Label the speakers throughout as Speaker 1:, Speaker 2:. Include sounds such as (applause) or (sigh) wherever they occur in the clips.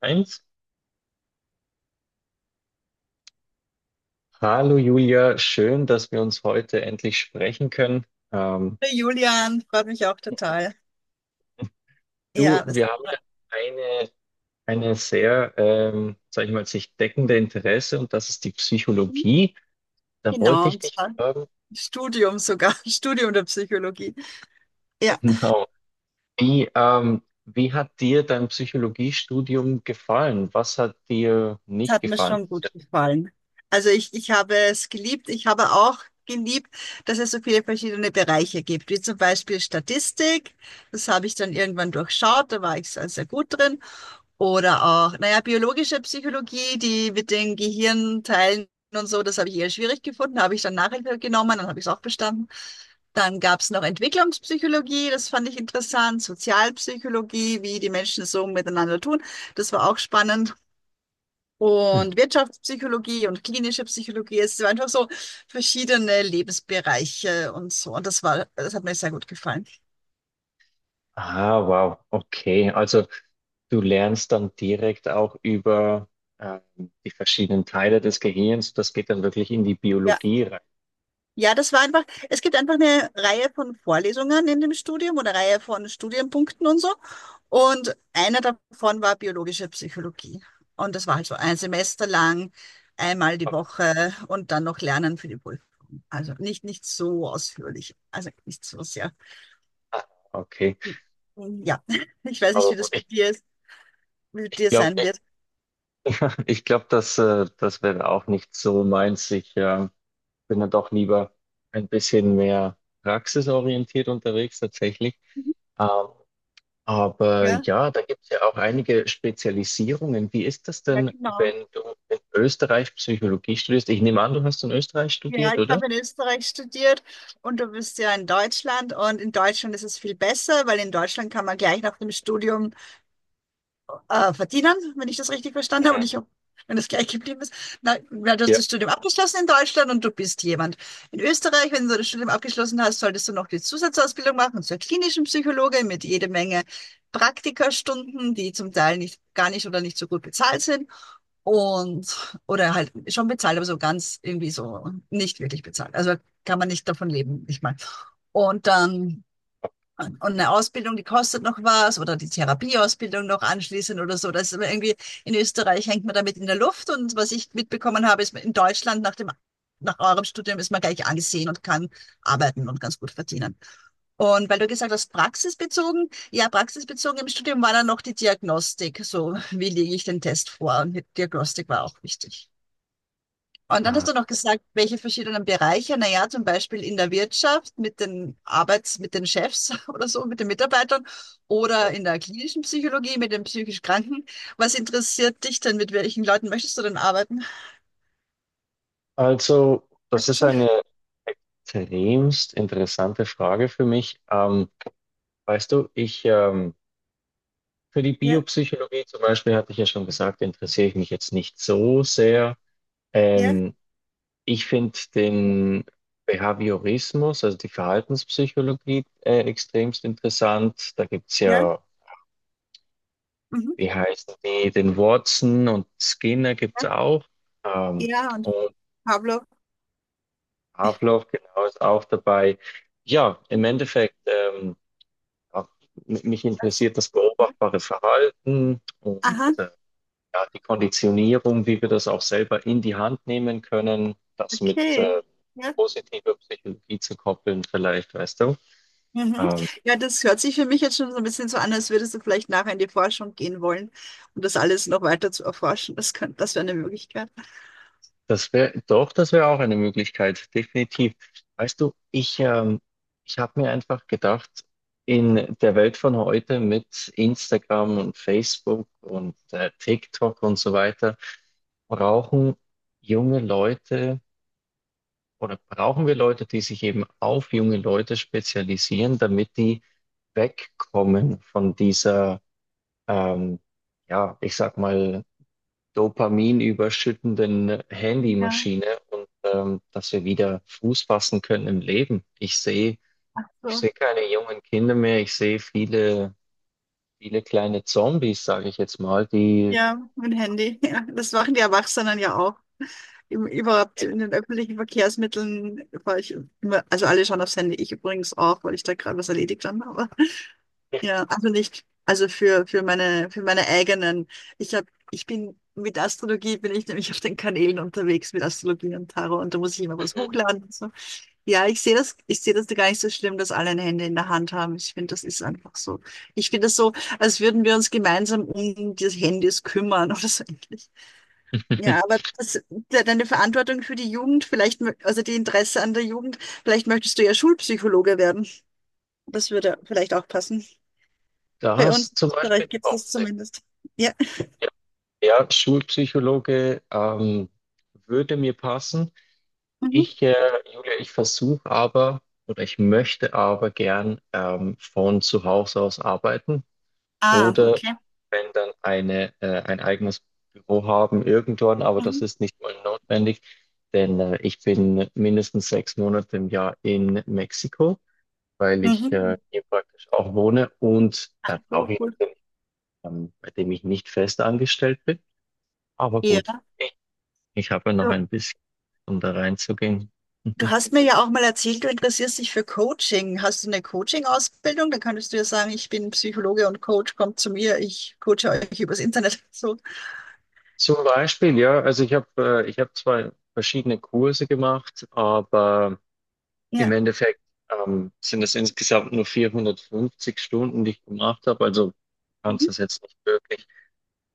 Speaker 1: Eins. Hallo Julia, schön, dass wir uns heute endlich sprechen können. Ähm,
Speaker 2: Hallo Julian, freut mich auch total.
Speaker 1: Du,
Speaker 2: Ja, das
Speaker 1: wir haben ja
Speaker 2: war,
Speaker 1: eine, eine sehr, sag ich mal, sich deckende Interesse, und das ist die Psychologie. Da wollte
Speaker 2: genau,
Speaker 1: ich
Speaker 2: und
Speaker 1: dich
Speaker 2: zwar
Speaker 1: fragen,
Speaker 2: Studium sogar, (laughs) Studium der Psychologie.
Speaker 1: (laughs)
Speaker 2: Ja,
Speaker 1: genau, wie hat dir dein Psychologiestudium gefallen? Was hat dir
Speaker 2: das
Speaker 1: nicht
Speaker 2: hat mir
Speaker 1: gefallen?
Speaker 2: schon gut gefallen. Also ich habe es geliebt. Ich habe auch geliebt, dass es so viele verschiedene Bereiche gibt, wie zum Beispiel Statistik. Das habe ich dann irgendwann durchschaut, da war ich sehr, sehr gut drin. Oder auch, naja, biologische Psychologie, die mit den Gehirnteilen und so, das habe ich eher schwierig gefunden, habe ich dann Nachhilfe genommen, dann habe ich es auch bestanden. Dann gab es noch Entwicklungspsychologie, das fand ich interessant, Sozialpsychologie, wie die Menschen so miteinander tun, das war auch spannend.
Speaker 1: Mhm.
Speaker 2: Und Wirtschaftspsychologie und klinische Psychologie, es waren einfach so verschiedene Lebensbereiche und so. Und das war, das hat mir sehr gut gefallen.
Speaker 1: Ah, wow, okay. Also du lernst dann direkt auch über ähm, die verschiedenen Teile des Gehirns. Das geht dann wirklich in die
Speaker 2: Ja.
Speaker 1: Biologie rein.
Speaker 2: Ja, das war einfach, es gibt einfach eine Reihe von Vorlesungen in dem Studium oder Reihe von Studienpunkten und so. Und einer davon war biologische Psychologie. Und das war halt so ein Semester lang, einmal die Woche und dann noch Lernen für die Prüfung. Also nicht so ausführlich, also nicht so sehr.
Speaker 1: Ah, okay,
Speaker 2: Ja, (laughs) ich weiß nicht,
Speaker 1: aber
Speaker 2: wie
Speaker 1: gut,
Speaker 2: das bei
Speaker 1: ich,
Speaker 2: dir ist, wie
Speaker 1: ich
Speaker 2: dir
Speaker 1: glaube,
Speaker 2: sein
Speaker 1: ich,
Speaker 2: wird.
Speaker 1: ich glaub, das, äh, das wäre auch nicht so meins. Ich bin dann doch lieber ein bisschen mehr praxisorientiert unterwegs tatsächlich. Ähm, aber
Speaker 2: Ja,
Speaker 1: ja, da gibt es ja auch einige Spezialisierungen. Wie ist das
Speaker 2: ja,
Speaker 1: denn,
Speaker 2: genau.
Speaker 1: wenn du in Österreich Psychologie studierst? Ich nehme an, du hast in Österreich
Speaker 2: Ja,
Speaker 1: studiert,
Speaker 2: ich
Speaker 1: oder?
Speaker 2: habe in Österreich studiert und du bist ja in Deutschland und in Deutschland ist es viel besser, weil in Deutschland kann man gleich nach dem Studium verdienen, wenn ich das richtig verstanden habe
Speaker 1: Mhm.
Speaker 2: und wenn das gleich geblieben ist. Na, na, du hast das Studium abgeschlossen in Deutschland und du bist jemand. In Österreich, wenn du das Studium abgeschlossen hast, solltest du noch die Zusatzausbildung machen zur klinischen Psychologe mit jede Menge Praktikastunden, die zum Teil nicht, gar nicht oder nicht so gut bezahlt sind. Und, oder halt schon bezahlt, aber so ganz irgendwie so nicht wirklich bezahlt. Also kann man nicht davon leben, nicht mal. Und dann, und eine Ausbildung, die kostet noch was, oder die Therapieausbildung noch anschließend oder so. Das ist aber irgendwie, in Österreich hängt man damit in der Luft. Und was ich mitbekommen habe, ist, in Deutschland nach eurem Studium ist man gleich angesehen und kann arbeiten und ganz gut verdienen. Und weil du gesagt hast, praxisbezogen, ja, praxisbezogen im Studium war dann noch die Diagnostik. So, wie lege ich den Test vor? Und die Diagnostik war auch wichtig. Und dann
Speaker 1: Ja.
Speaker 2: hast du noch gesagt, welche verschiedenen Bereiche, naja, zum Beispiel in der Wirtschaft mit den Chefs (laughs) oder so, mit den Mitarbeitern oder in der klinischen Psychologie mit den psychisch Kranken. Was interessiert dich denn? Mit welchen Leuten möchtest du denn arbeiten?
Speaker 1: Also,
Speaker 2: Hast
Speaker 1: das
Speaker 2: du
Speaker 1: ist
Speaker 2: schon?
Speaker 1: eine extremst interessante Frage für mich. Weißt du, ich, für die
Speaker 2: Ja,
Speaker 1: Biopsychologie zum Beispiel hatte ich ja schon gesagt, interessiere ich mich jetzt nicht so sehr.
Speaker 2: ja,
Speaker 1: Ähm, Ich finde den Behaviorismus, also die Verhaltenspsychologie, extremst interessant. Da gibt es
Speaker 2: ja,
Speaker 1: ja,
Speaker 2: mhm,
Speaker 1: wie heißen die, den Watson, und Skinner gibt
Speaker 2: ja,
Speaker 1: es auch. Ähm,
Speaker 2: ja, und
Speaker 1: und
Speaker 2: Pablo.
Speaker 1: Haferloff, genau, ist auch dabei. Ja, im Endeffekt, ja, mich
Speaker 2: das-
Speaker 1: interessiert das
Speaker 2: Ja.
Speaker 1: beobachtbare Verhalten und
Speaker 2: Aha,
Speaker 1: ja, die Konditionierung, wie wir das auch selber in die Hand nehmen können, das mit
Speaker 2: okay. Ja.
Speaker 1: positiver Psychologie zu koppeln, vielleicht, weißt du.
Speaker 2: Mhm.
Speaker 1: Ähm,
Speaker 2: Ja, das hört sich für mich jetzt schon so ein bisschen so an, als würdest du vielleicht nachher in die Forschung gehen wollen und das alles noch weiter zu erforschen. Das wäre eine Möglichkeit.
Speaker 1: Das wäre, doch, das wäre auch eine Möglichkeit, definitiv. Weißt du, ich habe mir einfach gedacht, in der Welt von heute mit Instagram und Facebook und TikTok und so weiter, brauchen junge Leute, oder brauchen wir Leute, die sich eben auf junge Leute spezialisieren, damit die wegkommen von dieser, ähm, ja, ich sag mal, Dopamin überschüttenden
Speaker 2: Ja,
Speaker 1: Handymaschine, und dass wir wieder Fuß fassen können im Leben. Ich
Speaker 2: so.
Speaker 1: sehe keine jungen Kinder mehr, ich sehe viele, viele kleine Zombies, sage ich jetzt mal, die
Speaker 2: Ja, mein Handy. (laughs) Ja, das machen die Erwachsenen ja auch. Überhaupt in den öffentlichen Verkehrsmitteln war ich immer, also alle schauen aufs Handy, ich übrigens auch, weil ich da gerade was erledigt habe. Aber (laughs) ja, also nicht, also für meine eigenen. Ich bin mit Astrologie bin ich nämlich auf den Kanälen unterwegs mit Astrologie und Tarot und da muss ich immer was hochladen. Ja, ich sehe das gar nicht so schlimm, dass alle ein Handy in der Hand haben. Ich finde, das ist einfach so. Ich finde das so, als würden wir uns gemeinsam um die Handys kümmern oder so ähnlich. Ja,
Speaker 1: (laughs)
Speaker 2: aber deine Verantwortung für die Jugend, vielleicht, also die Interesse an der Jugend, vielleicht möchtest du ja Schulpsychologe werden. Das würde vielleicht auch passen.
Speaker 1: da
Speaker 2: Bei
Speaker 1: hast
Speaker 2: uns
Speaker 1: du
Speaker 2: in
Speaker 1: zum Beispiel
Speaker 2: Österreich gibt es
Speaker 1: auch
Speaker 2: das
Speaker 1: Sinn.
Speaker 2: zumindest. Ja.
Speaker 1: Ja, ja, Schulpsychologe würde mir passen.
Speaker 2: Mhm.
Speaker 1: Ich, äh, Julia, ich versuche aber, oder ich möchte aber gern von zu Hause aus arbeiten.
Speaker 2: Ah,
Speaker 1: Oder
Speaker 2: okay.
Speaker 1: wenn dann ein eigenes Büro haben irgendwann, aber
Speaker 2: Mhm.
Speaker 1: das ist nicht mal notwendig, denn ich bin mindestens 6 Monate im Jahr in Mexiko, weil ich
Speaker 2: Mhm.
Speaker 1: hier praktisch auch wohne, und da
Speaker 2: So
Speaker 1: brauche ich
Speaker 2: cool.
Speaker 1: natürlich, bei dem ich nicht fest angestellt bin. Aber gut,
Speaker 2: Ja.
Speaker 1: ich habe ja noch
Speaker 2: So.
Speaker 1: ein bisschen, um da reinzugehen.
Speaker 2: Du
Speaker 1: (laughs)
Speaker 2: hast mir ja auch mal erzählt, du interessierst dich für Coaching. Hast du eine Coaching-Ausbildung? Da könntest du ja sagen, ich bin Psychologe und Coach, kommt zu mir, ich coache euch übers Internet. (laughs) So,
Speaker 1: Zum Beispiel, ja, also ich habe 2 verschiedene Kurse gemacht, aber im
Speaker 2: ja.
Speaker 1: Endeffekt sind es insgesamt nur 450 Stunden, die ich gemacht habe. Also du kannst
Speaker 2: Mhm.
Speaker 1: das jetzt nicht wirklich,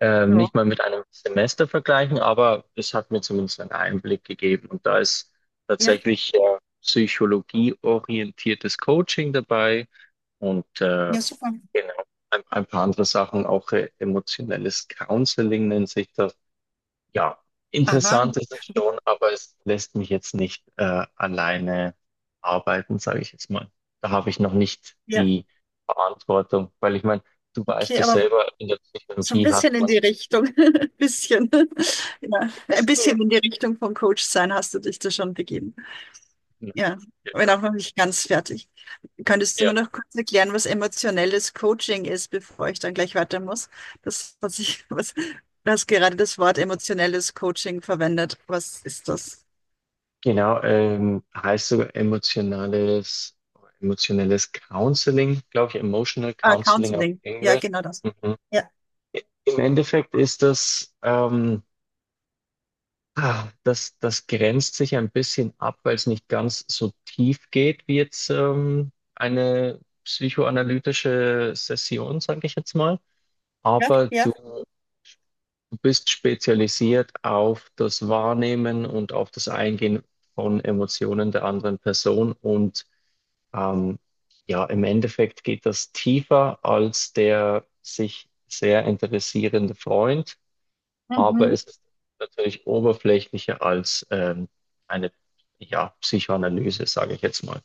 Speaker 2: Ja,
Speaker 1: nicht mal mit einem Semester vergleichen, aber es hat mir zumindest einen Einblick gegeben. Und da ist
Speaker 2: ja,
Speaker 1: tatsächlich psychologieorientiertes Coaching dabei und
Speaker 2: ja, super.
Speaker 1: genau, ein paar andere Sachen, auch emotionelles Counseling nennt sich das. Ja,
Speaker 2: Aha,
Speaker 1: interessant ist es schon, aber es lässt mich jetzt nicht alleine arbeiten, sage ich jetzt mal. Da habe ich noch nicht
Speaker 2: ja,
Speaker 1: die Verantwortung, weil ich meine, du weißt
Speaker 2: okay,
Speaker 1: es
Speaker 2: aber
Speaker 1: selber, in der
Speaker 2: so ein
Speaker 1: Psychologie
Speaker 2: bisschen
Speaker 1: hat
Speaker 2: in
Speaker 1: man,
Speaker 2: die Richtung, (laughs) ein bisschen,
Speaker 1: es,
Speaker 2: ja, ein
Speaker 1: es geht.
Speaker 2: bisschen in die Richtung von Coach sein hast du dich da schon begeben.
Speaker 1: Ja,
Speaker 2: Ja, bin
Speaker 1: genau.
Speaker 2: auch noch nicht ganz fertig. Könntest du
Speaker 1: Ja.
Speaker 2: mir noch kurz erklären, was emotionelles Coaching ist, bevor ich dann gleich weiter muss? (laughs) Du hast gerade das Wort emotionelles Coaching verwendet. Was ist das?
Speaker 1: Genau, heißt sogar emotionelles Counseling, glaube ich, Emotional
Speaker 2: Ah,
Speaker 1: Counseling auf
Speaker 2: Counseling. Ja,
Speaker 1: Englisch.
Speaker 2: genau das.
Speaker 1: Mhm.
Speaker 2: Ja,
Speaker 1: Im Endeffekt ist das, ah, das, das grenzt sich ein bisschen ab, weil es nicht ganz so tief geht wie jetzt eine psychoanalytische Session, sage ich jetzt mal.
Speaker 2: ja,
Speaker 1: Aber
Speaker 2: ja.
Speaker 1: du bist spezialisiert auf das Wahrnehmen und auf das Eingehen von Emotionen der anderen Person. Und ähm, ja, im Endeffekt geht das tiefer als der sich sehr interessierende Freund, aber
Speaker 2: Mhm.
Speaker 1: es ist natürlich oberflächlicher als eine ja, Psychoanalyse, sage ich jetzt mal.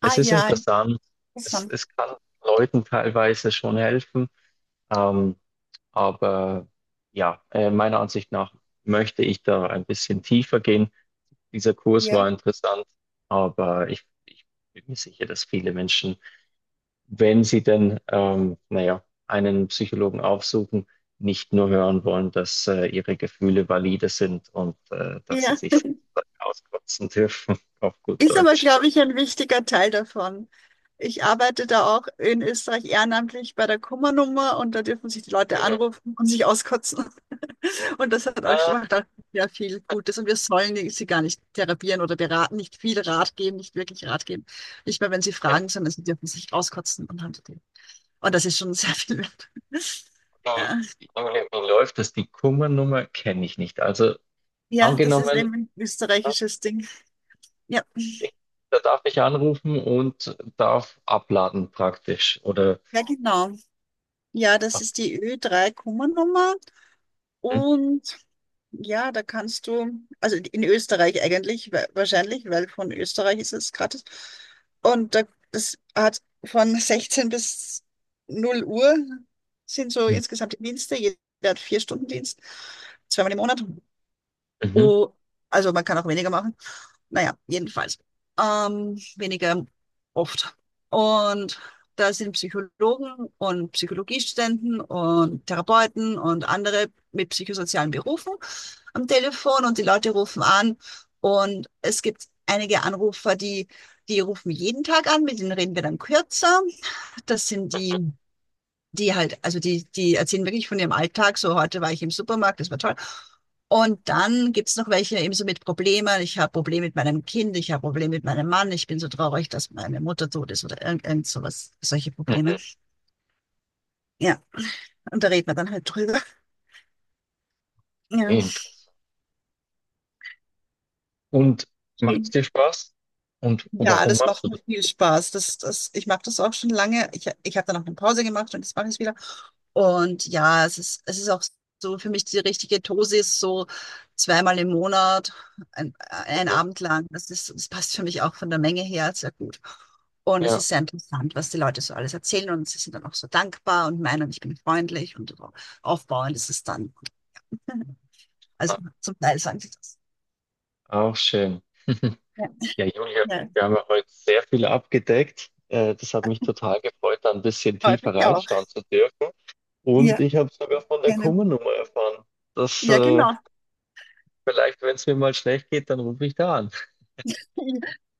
Speaker 2: Ah,
Speaker 1: Es ist
Speaker 2: ja,
Speaker 1: interessant, es,
Speaker 2: interessant.
Speaker 1: es kann Leuten teilweise schon helfen, ähm, aber ja, meiner Ansicht nach möchte ich da ein bisschen tiefer gehen. Dieser Kurs
Speaker 2: Ja,
Speaker 1: war interessant, aber ich bin mir sicher, dass viele Menschen, wenn sie denn, naja, einen Psychologen aufsuchen, nicht nur hören wollen, dass ihre Gefühle valide sind, und dass
Speaker 2: ja.
Speaker 1: sie sich sozusagen auskotzen dürfen, (laughs) auf gut
Speaker 2: Ist aber,
Speaker 1: Deutsch.
Speaker 2: glaube ich, ein wichtiger Teil davon. Ich arbeite da auch in Österreich ehrenamtlich bei der Kummernummer und da dürfen sich die Leute
Speaker 1: Mhm.
Speaker 2: anrufen und sich auskotzen. Und das hat auch schon
Speaker 1: Ah,
Speaker 2: macht auch sehr viel Gutes. Und wir sollen sie gar nicht therapieren oder beraten, nicht viel Rat geben, nicht wirklich Rat geben. Nicht mehr, wenn sie
Speaker 1: ja,
Speaker 2: fragen, sondern sie dürfen sich auskotzen und haben die. Und das ist schon (laughs) sehr viel wert. (laughs) Ja,
Speaker 1: wie, wie, wie läuft das? Die Kummernummer kenne ich nicht. Also
Speaker 2: ja, das ist
Speaker 1: angenommen,
Speaker 2: eben ein österreichisches Ding. Ja,
Speaker 1: da darf ich anrufen und darf abladen praktisch. Oder
Speaker 2: ja, genau. Ja, das
Speaker 1: ab-
Speaker 2: ist die Ö3-Kummernummer.
Speaker 1: Mhm.
Speaker 2: Und ja, da kannst du, also in Österreich eigentlich, wahrscheinlich, weil von Österreich ist es gratis. Und da, das hat von 16 bis 0 Uhr sind so
Speaker 1: Mhm.
Speaker 2: insgesamt die Dienste. Jeder hat 4 Stunden Dienst, zweimal im Monat. Oh, also man kann auch weniger machen. Naja, jedenfalls. Weniger oft. Und da sind Psychologen und Psychologiestudenten und Therapeuten und andere mit psychosozialen Berufen am Telefon und die Leute rufen an. Und es gibt einige Anrufer, die, rufen jeden Tag an, mit denen reden wir dann kürzer. Das sind die die halt, also die, die erzählen wirklich von ihrem Alltag. So, heute war ich im Supermarkt, das war toll. Und dann gibt's noch welche eben so mit Problemen. Ich habe Probleme mit meinem Kind, ich habe Probleme mit meinem Mann, ich bin so traurig, dass meine Mutter tot ist oder irgend sowas, solche Probleme.
Speaker 1: Mhm.
Speaker 2: Ja, und da reden wir dann halt drüber.
Speaker 1: Okay,
Speaker 2: Ja,
Speaker 1: interessant. Und macht es
Speaker 2: okay.
Speaker 1: dir Spaß? Und
Speaker 2: Ja,
Speaker 1: warum
Speaker 2: das
Speaker 1: machst
Speaker 2: macht
Speaker 1: du
Speaker 2: mir viel Spaß. Ich mache das auch schon lange. Ich habe dann auch eine Pause gemacht und jetzt mache ich es wieder. Und ja, es ist auch so für mich die richtige Dosis, so zweimal im Monat, ein
Speaker 1: Mhm.
Speaker 2: Abend lang. Das passt für mich auch von der Menge her sehr gut. Und es
Speaker 1: Ja,
Speaker 2: ist sehr interessant, was die Leute so alles erzählen und sie sind dann auch so dankbar und meinen, ich bin freundlich und so aufbauend ist es dann. (laughs) Also zum Teil sagen sie das.
Speaker 1: auch schön. (laughs)
Speaker 2: Ja,
Speaker 1: Ja, Julia,
Speaker 2: ja,
Speaker 1: wir haben ja heute sehr viel abgedeckt. Das hat mich total gefreut, da ein bisschen
Speaker 2: freut mich
Speaker 1: tiefer
Speaker 2: auch.
Speaker 1: reinschauen zu dürfen. Und
Speaker 2: Ja,
Speaker 1: ich habe sogar von der
Speaker 2: gerne.
Speaker 1: Kummernummer erfahren. Das,
Speaker 2: Ja, genau.
Speaker 1: vielleicht, wenn es mir mal schlecht geht, dann rufe ich da an.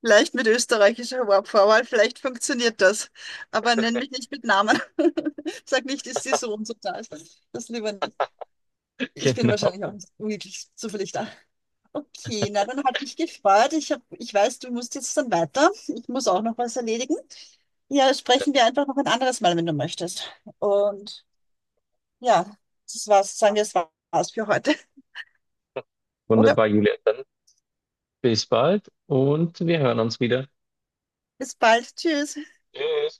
Speaker 2: Vielleicht mit österreichischer Vorwahl, vielleicht funktioniert das. Aber nenn mich nicht mit Namen. (laughs) Sag nicht, ist die so und so da. Das lieber nicht.
Speaker 1: (laughs)
Speaker 2: Ich bin
Speaker 1: Genau.
Speaker 2: wahrscheinlich auch nicht wirklich zufällig da. Okay, na dann hat mich gefreut. Ich weiß, du musst jetzt dann weiter. Ich muss auch noch was erledigen. Ja, sprechen wir einfach noch ein anderes Mal, wenn du möchtest. Und ja, das war's. Sagen wir, das war's für heute. Oder
Speaker 1: Wunderbar, Julia. Dann bis bald, und wir hören uns wieder.
Speaker 2: bis bald. Tschüss.
Speaker 1: Tschüss.